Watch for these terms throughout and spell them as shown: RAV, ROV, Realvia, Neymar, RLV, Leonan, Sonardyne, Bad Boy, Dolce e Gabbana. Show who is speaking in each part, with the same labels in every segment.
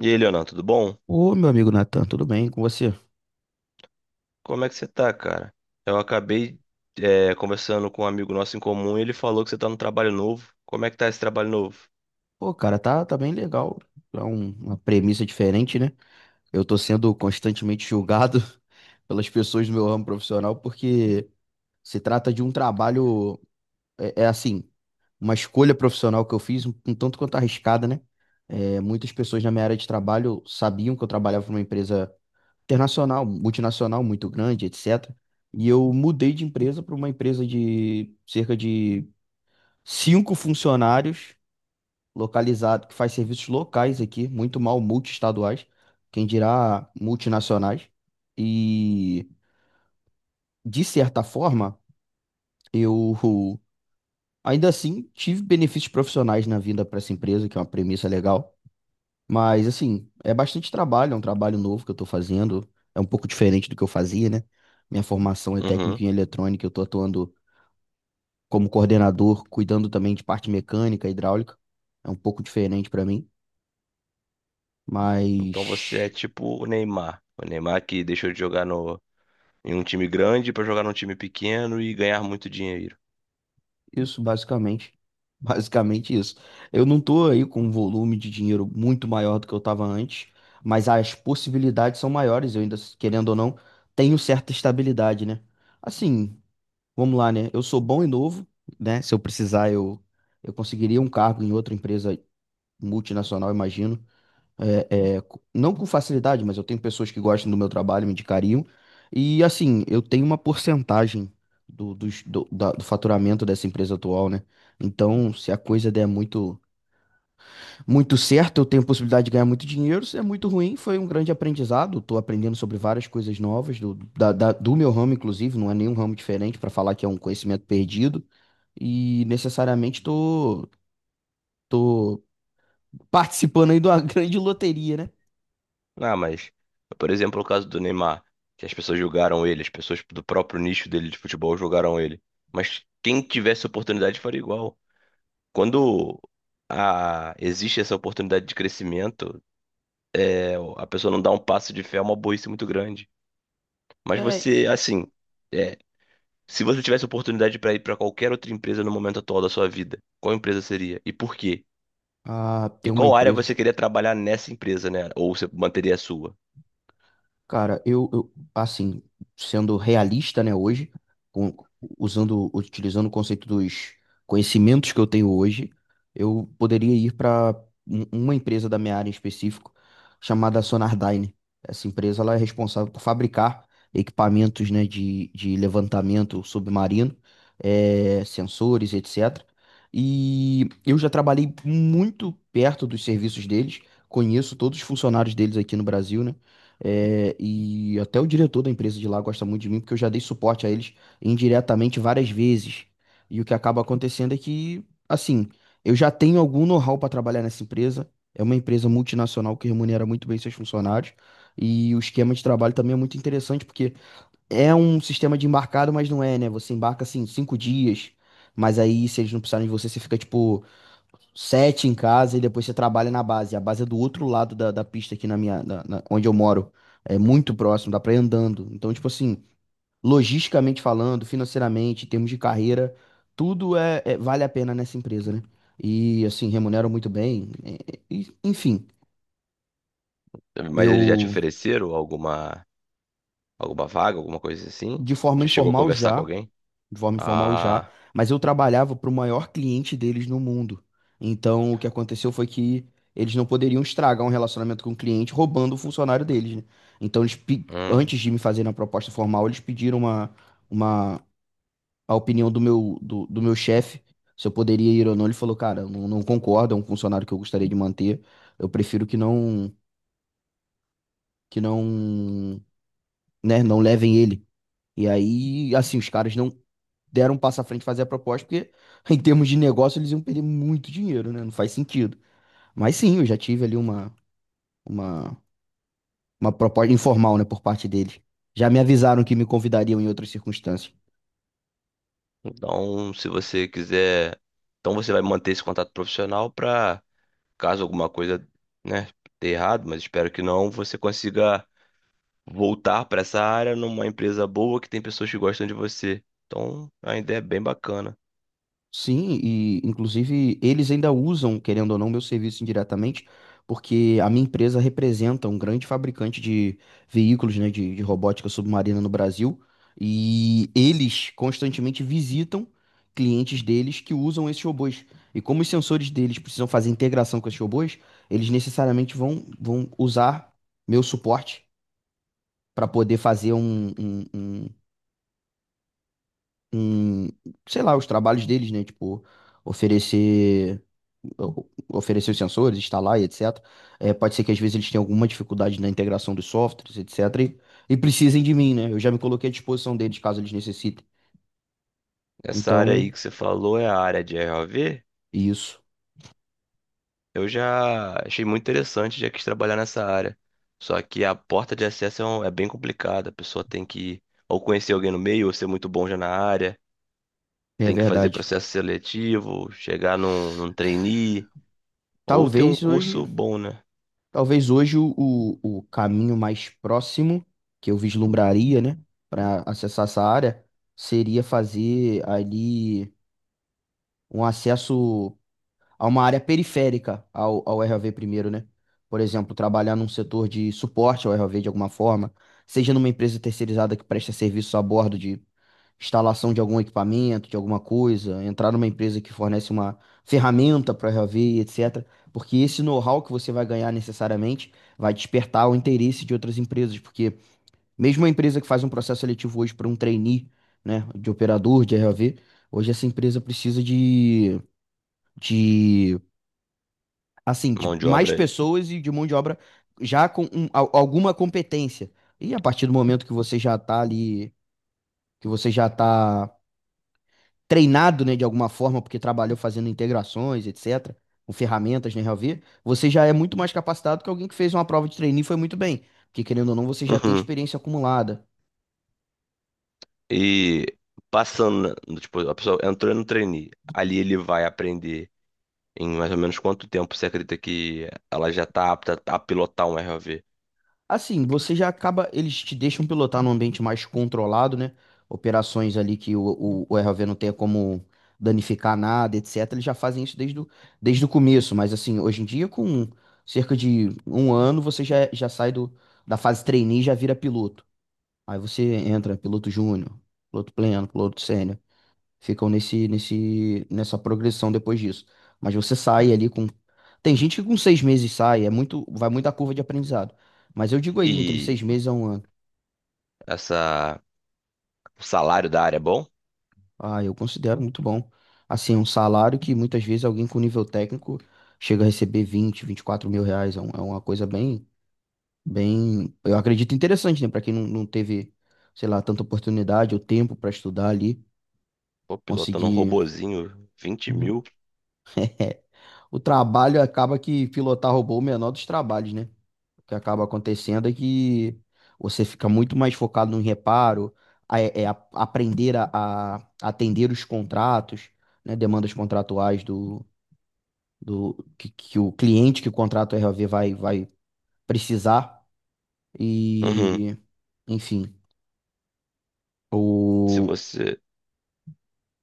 Speaker 1: E aí, Leonan, tudo bom?
Speaker 2: Ô, meu amigo Natan, tudo bem com você?
Speaker 1: Como é que você tá, cara? Eu acabei, Conversando com um amigo nosso em comum, e ele falou que você tá num trabalho novo. Como é que tá esse trabalho novo?
Speaker 2: Pô, cara, tá bem legal. É uma premissa diferente, né? Eu tô sendo constantemente julgado pelas pessoas do meu ramo profissional porque se trata de um trabalho, é assim, uma escolha profissional que eu fiz, um tanto quanto arriscada, né? É, muitas pessoas na minha área de trabalho sabiam que eu trabalhava para uma empresa internacional, multinacional, muito grande, etc. E eu mudei de empresa para uma empresa de cerca de 5 funcionários localizado, que faz serviços locais aqui, muito mal multiestaduais, quem dirá multinacionais. E, de certa forma, eu ainda assim tive benefícios profissionais na vinda para essa empresa, que é uma premissa legal. Mas, assim, é bastante trabalho, é um trabalho novo que eu estou fazendo, é um pouco diferente do que eu fazia, né? Minha formação é
Speaker 1: Uhum.
Speaker 2: técnica em eletrônica, eu estou atuando como coordenador, cuidando também de parte mecânica, hidráulica. É um pouco diferente para mim,
Speaker 1: Então você é
Speaker 2: mas.
Speaker 1: tipo o Neymar. O Neymar que deixou de jogar no, em um time grande pra jogar num time pequeno e ganhar muito dinheiro.
Speaker 2: Isso, basicamente. Basicamente isso. Eu não tô aí com um volume de dinheiro muito maior do que eu tava antes, mas as possibilidades são maiores. Eu ainda, querendo ou não, tenho certa estabilidade, né? Assim, vamos lá, né? Eu sou bom e novo, né? Se eu precisar, eu conseguiria um cargo em outra empresa multinacional, imagino não com facilidade, mas eu tenho pessoas que gostam do meu trabalho, me indicariam. E assim, eu tenho uma porcentagem do, dos- do, da- do faturamento dessa empresa atual, né? Então, se a coisa der muito, muito certo, eu tenho possibilidade de ganhar muito dinheiro. Se é muito ruim, foi um grande aprendizado. Estou aprendendo sobre várias coisas novas do meu ramo, inclusive, não é nenhum ramo diferente para falar que é um conhecimento perdido. E necessariamente tô participando aí de uma grande loteria, né?
Speaker 1: Ah, mas, por exemplo, o caso do Neymar, que as pessoas julgaram ele, as pessoas do próprio nicho dele de futebol julgaram ele. Mas quem tivesse oportunidade faria igual. Quando existe essa oportunidade de crescimento, a pessoa não dá um passo de fé, é uma burrice muito grande. Mas
Speaker 2: É,
Speaker 1: você, assim, é, se você tivesse oportunidade para ir para qualquer outra empresa no momento atual da sua vida, qual empresa seria? E por quê?
Speaker 2: a ter
Speaker 1: E
Speaker 2: uma
Speaker 1: qual área
Speaker 2: empresa.
Speaker 1: você queria trabalhar nessa empresa, né? Ou você manteria a sua?
Speaker 2: Cara, assim, sendo realista, né, hoje, com- usando, utilizando o conceito dos conhecimentos que eu tenho hoje, eu poderia ir para uma empresa da minha área em específico, chamada Sonardyne. Essa empresa, ela é responsável por fabricar equipamentos, né, de levantamento submarino, sensores, etc. E eu já trabalhei muito perto dos serviços deles, conheço todos os funcionários deles aqui no Brasil, né? É, e até o diretor da empresa de lá gosta muito de mim, porque eu já dei suporte a eles indiretamente várias vezes. E o que acaba acontecendo é que, assim, eu já tenho algum know-how para trabalhar nessa empresa. É uma empresa multinacional que remunera muito bem seus funcionários. E o esquema de trabalho também é muito interessante, porque é um sistema de embarcado, mas não é, né? Você embarca, assim, 5 dias, mas aí, se eles não precisarem de você, você fica, tipo, 7 em casa e depois você trabalha na base. A base é do outro lado da pista aqui na minha, na- na- onde eu moro. É muito próximo, dá pra ir andando. Então, tipo assim, logisticamente falando, financeiramente, em termos de carreira, tudo vale a pena nessa empresa, né? E assim, remuneram muito bem. É, é, e- enfim,
Speaker 1: Mas eles já te
Speaker 2: eu
Speaker 1: ofereceram alguma vaga, alguma coisa assim?
Speaker 2: de forma
Speaker 1: Já chegou a
Speaker 2: informal
Speaker 1: conversar com
Speaker 2: já.
Speaker 1: alguém?
Speaker 2: de forma informal já,
Speaker 1: Ah,
Speaker 2: mas eu trabalhava para o maior cliente deles no mundo. Então, o que aconteceu foi que eles não poderiam estragar um relacionamento com o cliente roubando o funcionário deles, né? Então, eles,
Speaker 1: hum.
Speaker 2: antes de me fazerem a proposta formal, eles pediram uma, a opinião do meu chefe, se eu poderia ir ou não. Ele falou, cara, eu não, não concordo, é um funcionário que eu gostaria de manter, eu prefiro que não, né, não levem ele. E aí, assim, os caras não deram um passo à frente fazer a proposta, porque em termos de negócio eles iam perder muito dinheiro, né? Não faz sentido. Mas sim, eu já tive ali uma, uma proposta informal, né, por parte deles. Já me avisaram que me convidariam em outras circunstâncias.
Speaker 1: Então, se você quiser. Então você vai manter esse contato profissional para caso alguma coisa, né, dê errado, mas espero que não, você consiga voltar para essa área numa empresa boa que tem pessoas que gostam de você. Então, a ideia é bem bacana.
Speaker 2: Sim, e inclusive eles ainda usam, querendo ou não, meu serviço indiretamente, porque a minha empresa representa um grande fabricante de veículos, né, de robótica submarina no Brasil, e eles constantemente visitam clientes deles que usam esses robôs. E como os sensores deles precisam fazer integração com esses robôs, eles necessariamente vão usar meu suporte para poder fazer em, sei lá, os trabalhos deles, né? Tipo, oferecer, oferecer os sensores, instalar e etc. É, pode ser que às vezes eles tenham alguma dificuldade na integração dos softwares, etc. E, precisem de mim, né? Eu já me coloquei à disposição deles caso eles necessitem.
Speaker 1: Essa área aí
Speaker 2: Então,
Speaker 1: que você falou é a área de ROV.
Speaker 2: isso
Speaker 1: Eu já achei muito interessante, já quis trabalhar nessa área. Só que a porta de acesso é bem complicada. A pessoa tem que ou conhecer alguém no meio, ou ser muito bom já na área,
Speaker 2: é
Speaker 1: tem que fazer
Speaker 2: verdade.
Speaker 1: processo seletivo, chegar num trainee, ou ter um
Speaker 2: Talvez hoje,
Speaker 1: curso bom, né?
Speaker 2: talvez hoje, o caminho mais próximo que eu vislumbraria, né, para acessar essa área seria fazer ali um acesso a uma área periférica ao RAV primeiro, né? Por exemplo, trabalhar num setor de suporte ao RAV de alguma forma, seja numa empresa terceirizada que presta serviço a bordo de instalação de algum equipamento, de alguma coisa, entrar numa empresa que fornece uma ferramenta para o RAV, etc. Porque esse know-how que você vai ganhar necessariamente vai despertar o interesse de outras empresas, porque mesmo uma empresa que faz um processo seletivo hoje para um trainee, né, de operador de RAV, hoje essa empresa precisa de assim, de
Speaker 1: Mão de
Speaker 2: mais
Speaker 1: obra.
Speaker 2: pessoas e de mão de obra já com alguma competência. E a partir do momento que você já tá ali, que você já tá treinado, né, de alguma forma, porque trabalhou fazendo integrações, etc., com ferramentas, né, Realvia, você já é muito mais capacitado que alguém que fez uma prova de trainee e foi muito bem. Porque, querendo ou não, você já tem experiência acumulada.
Speaker 1: E passando, tipo, a pessoa entrou no trainee, ali ele vai aprender em mais ou menos quanto tempo você acredita que ela já está apta a pilotar um ROV?
Speaker 2: Assim, você já acaba, eles te deixam pilotar num ambiente mais controlado, né? Operações ali que o ROV não tenha como danificar nada, etc. Eles já fazem isso desde o começo, mas assim, hoje em dia, com cerca de um ano, você já sai da fase trainee e já vira piloto. Aí você entra piloto júnior, piloto pleno, piloto sênior ficam nessa progressão depois disso. Mas você sai ali com. Tem gente que com 6 meses sai, é muito, vai muito a curva de aprendizado. Mas eu digo aí, entre
Speaker 1: E
Speaker 2: 6 meses a um ano.
Speaker 1: essa, o salário da área é bom?
Speaker 2: Ah, eu considero muito bom. Assim, um salário que muitas vezes alguém com nível técnico chega a receber vinte e quatro mil reais. É uma coisa bem, bem, eu acredito interessante, né? Para quem não, não teve, sei lá, tanta oportunidade ou tempo para estudar ali,
Speaker 1: Pô, pilotando um
Speaker 2: conseguir.
Speaker 1: robozinho, 20 mil.
Speaker 2: O trabalho acaba que pilotar robô é o menor dos trabalhos, né? O que acaba acontecendo é que você fica muito mais focado no reparo, aprender a atender os contratos, né, demandas contratuais do, do que o cliente que o contrato RLV vai precisar.
Speaker 1: Uhum.
Speaker 2: E, enfim,
Speaker 1: Se
Speaker 2: o.
Speaker 1: você,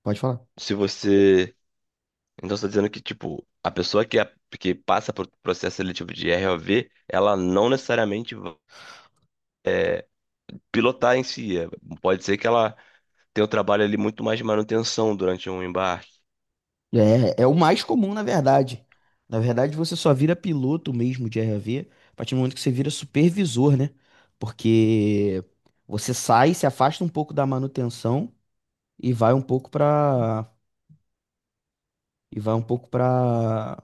Speaker 2: Pode falar.
Speaker 1: se você, então você tá dizendo que, tipo, a pessoa que, é- que passa por processo seletivo de ROV, ela não necessariamente vai pilotar em si. É, pode ser que ela tem o trabalho ali muito mais de manutenção durante um embarque.
Speaker 2: É, é o mais comum, na verdade. Na verdade, você só vira piloto mesmo de RLV a partir do momento que você vira supervisor, né? Porque você sai, se afasta um pouco da manutenção e vai um pouco pra. E vai um pouco para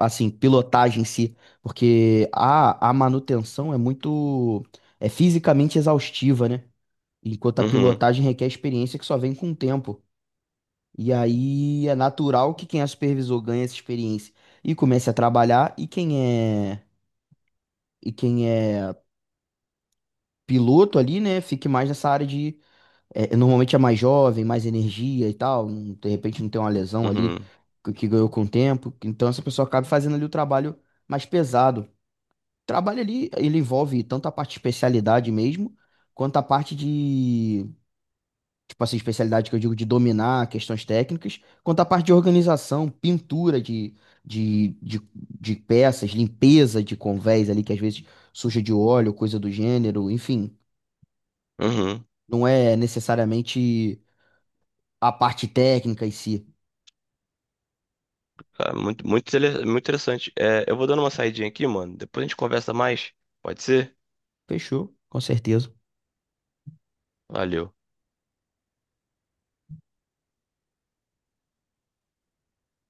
Speaker 2: assim, pilotagem em si, porque a manutenção é muito fisicamente exaustiva, né? Enquanto a
Speaker 1: Uhum,
Speaker 2: pilotagem requer experiência que só vem com o tempo. E aí é natural que quem é supervisor ganhe essa experiência e comece a trabalhar e é quem é piloto ali, né, fique mais nessa área de. É, normalmente é mais jovem, mais energia e tal, de repente não tem uma lesão ali
Speaker 1: uhum,
Speaker 2: que ganhou com o tempo. Então essa pessoa acaba fazendo ali o trabalho mais pesado. Trabalho ali, ele envolve tanto a parte de especialidade mesmo, quanto a parte de, tipo assim, especialidade que eu digo de dominar questões técnicas, quanto a parte de organização, pintura de, de, de peças, limpeza de convés ali, que às vezes suja de óleo, coisa do gênero, enfim.
Speaker 1: uhum.
Speaker 2: Não é necessariamente a parte técnica em si.
Speaker 1: Cara, muito interessante. É, eu vou dando uma saidinha aqui, mano. Depois a gente conversa mais. Pode ser?
Speaker 2: Fechou, com certeza.
Speaker 1: Valeu.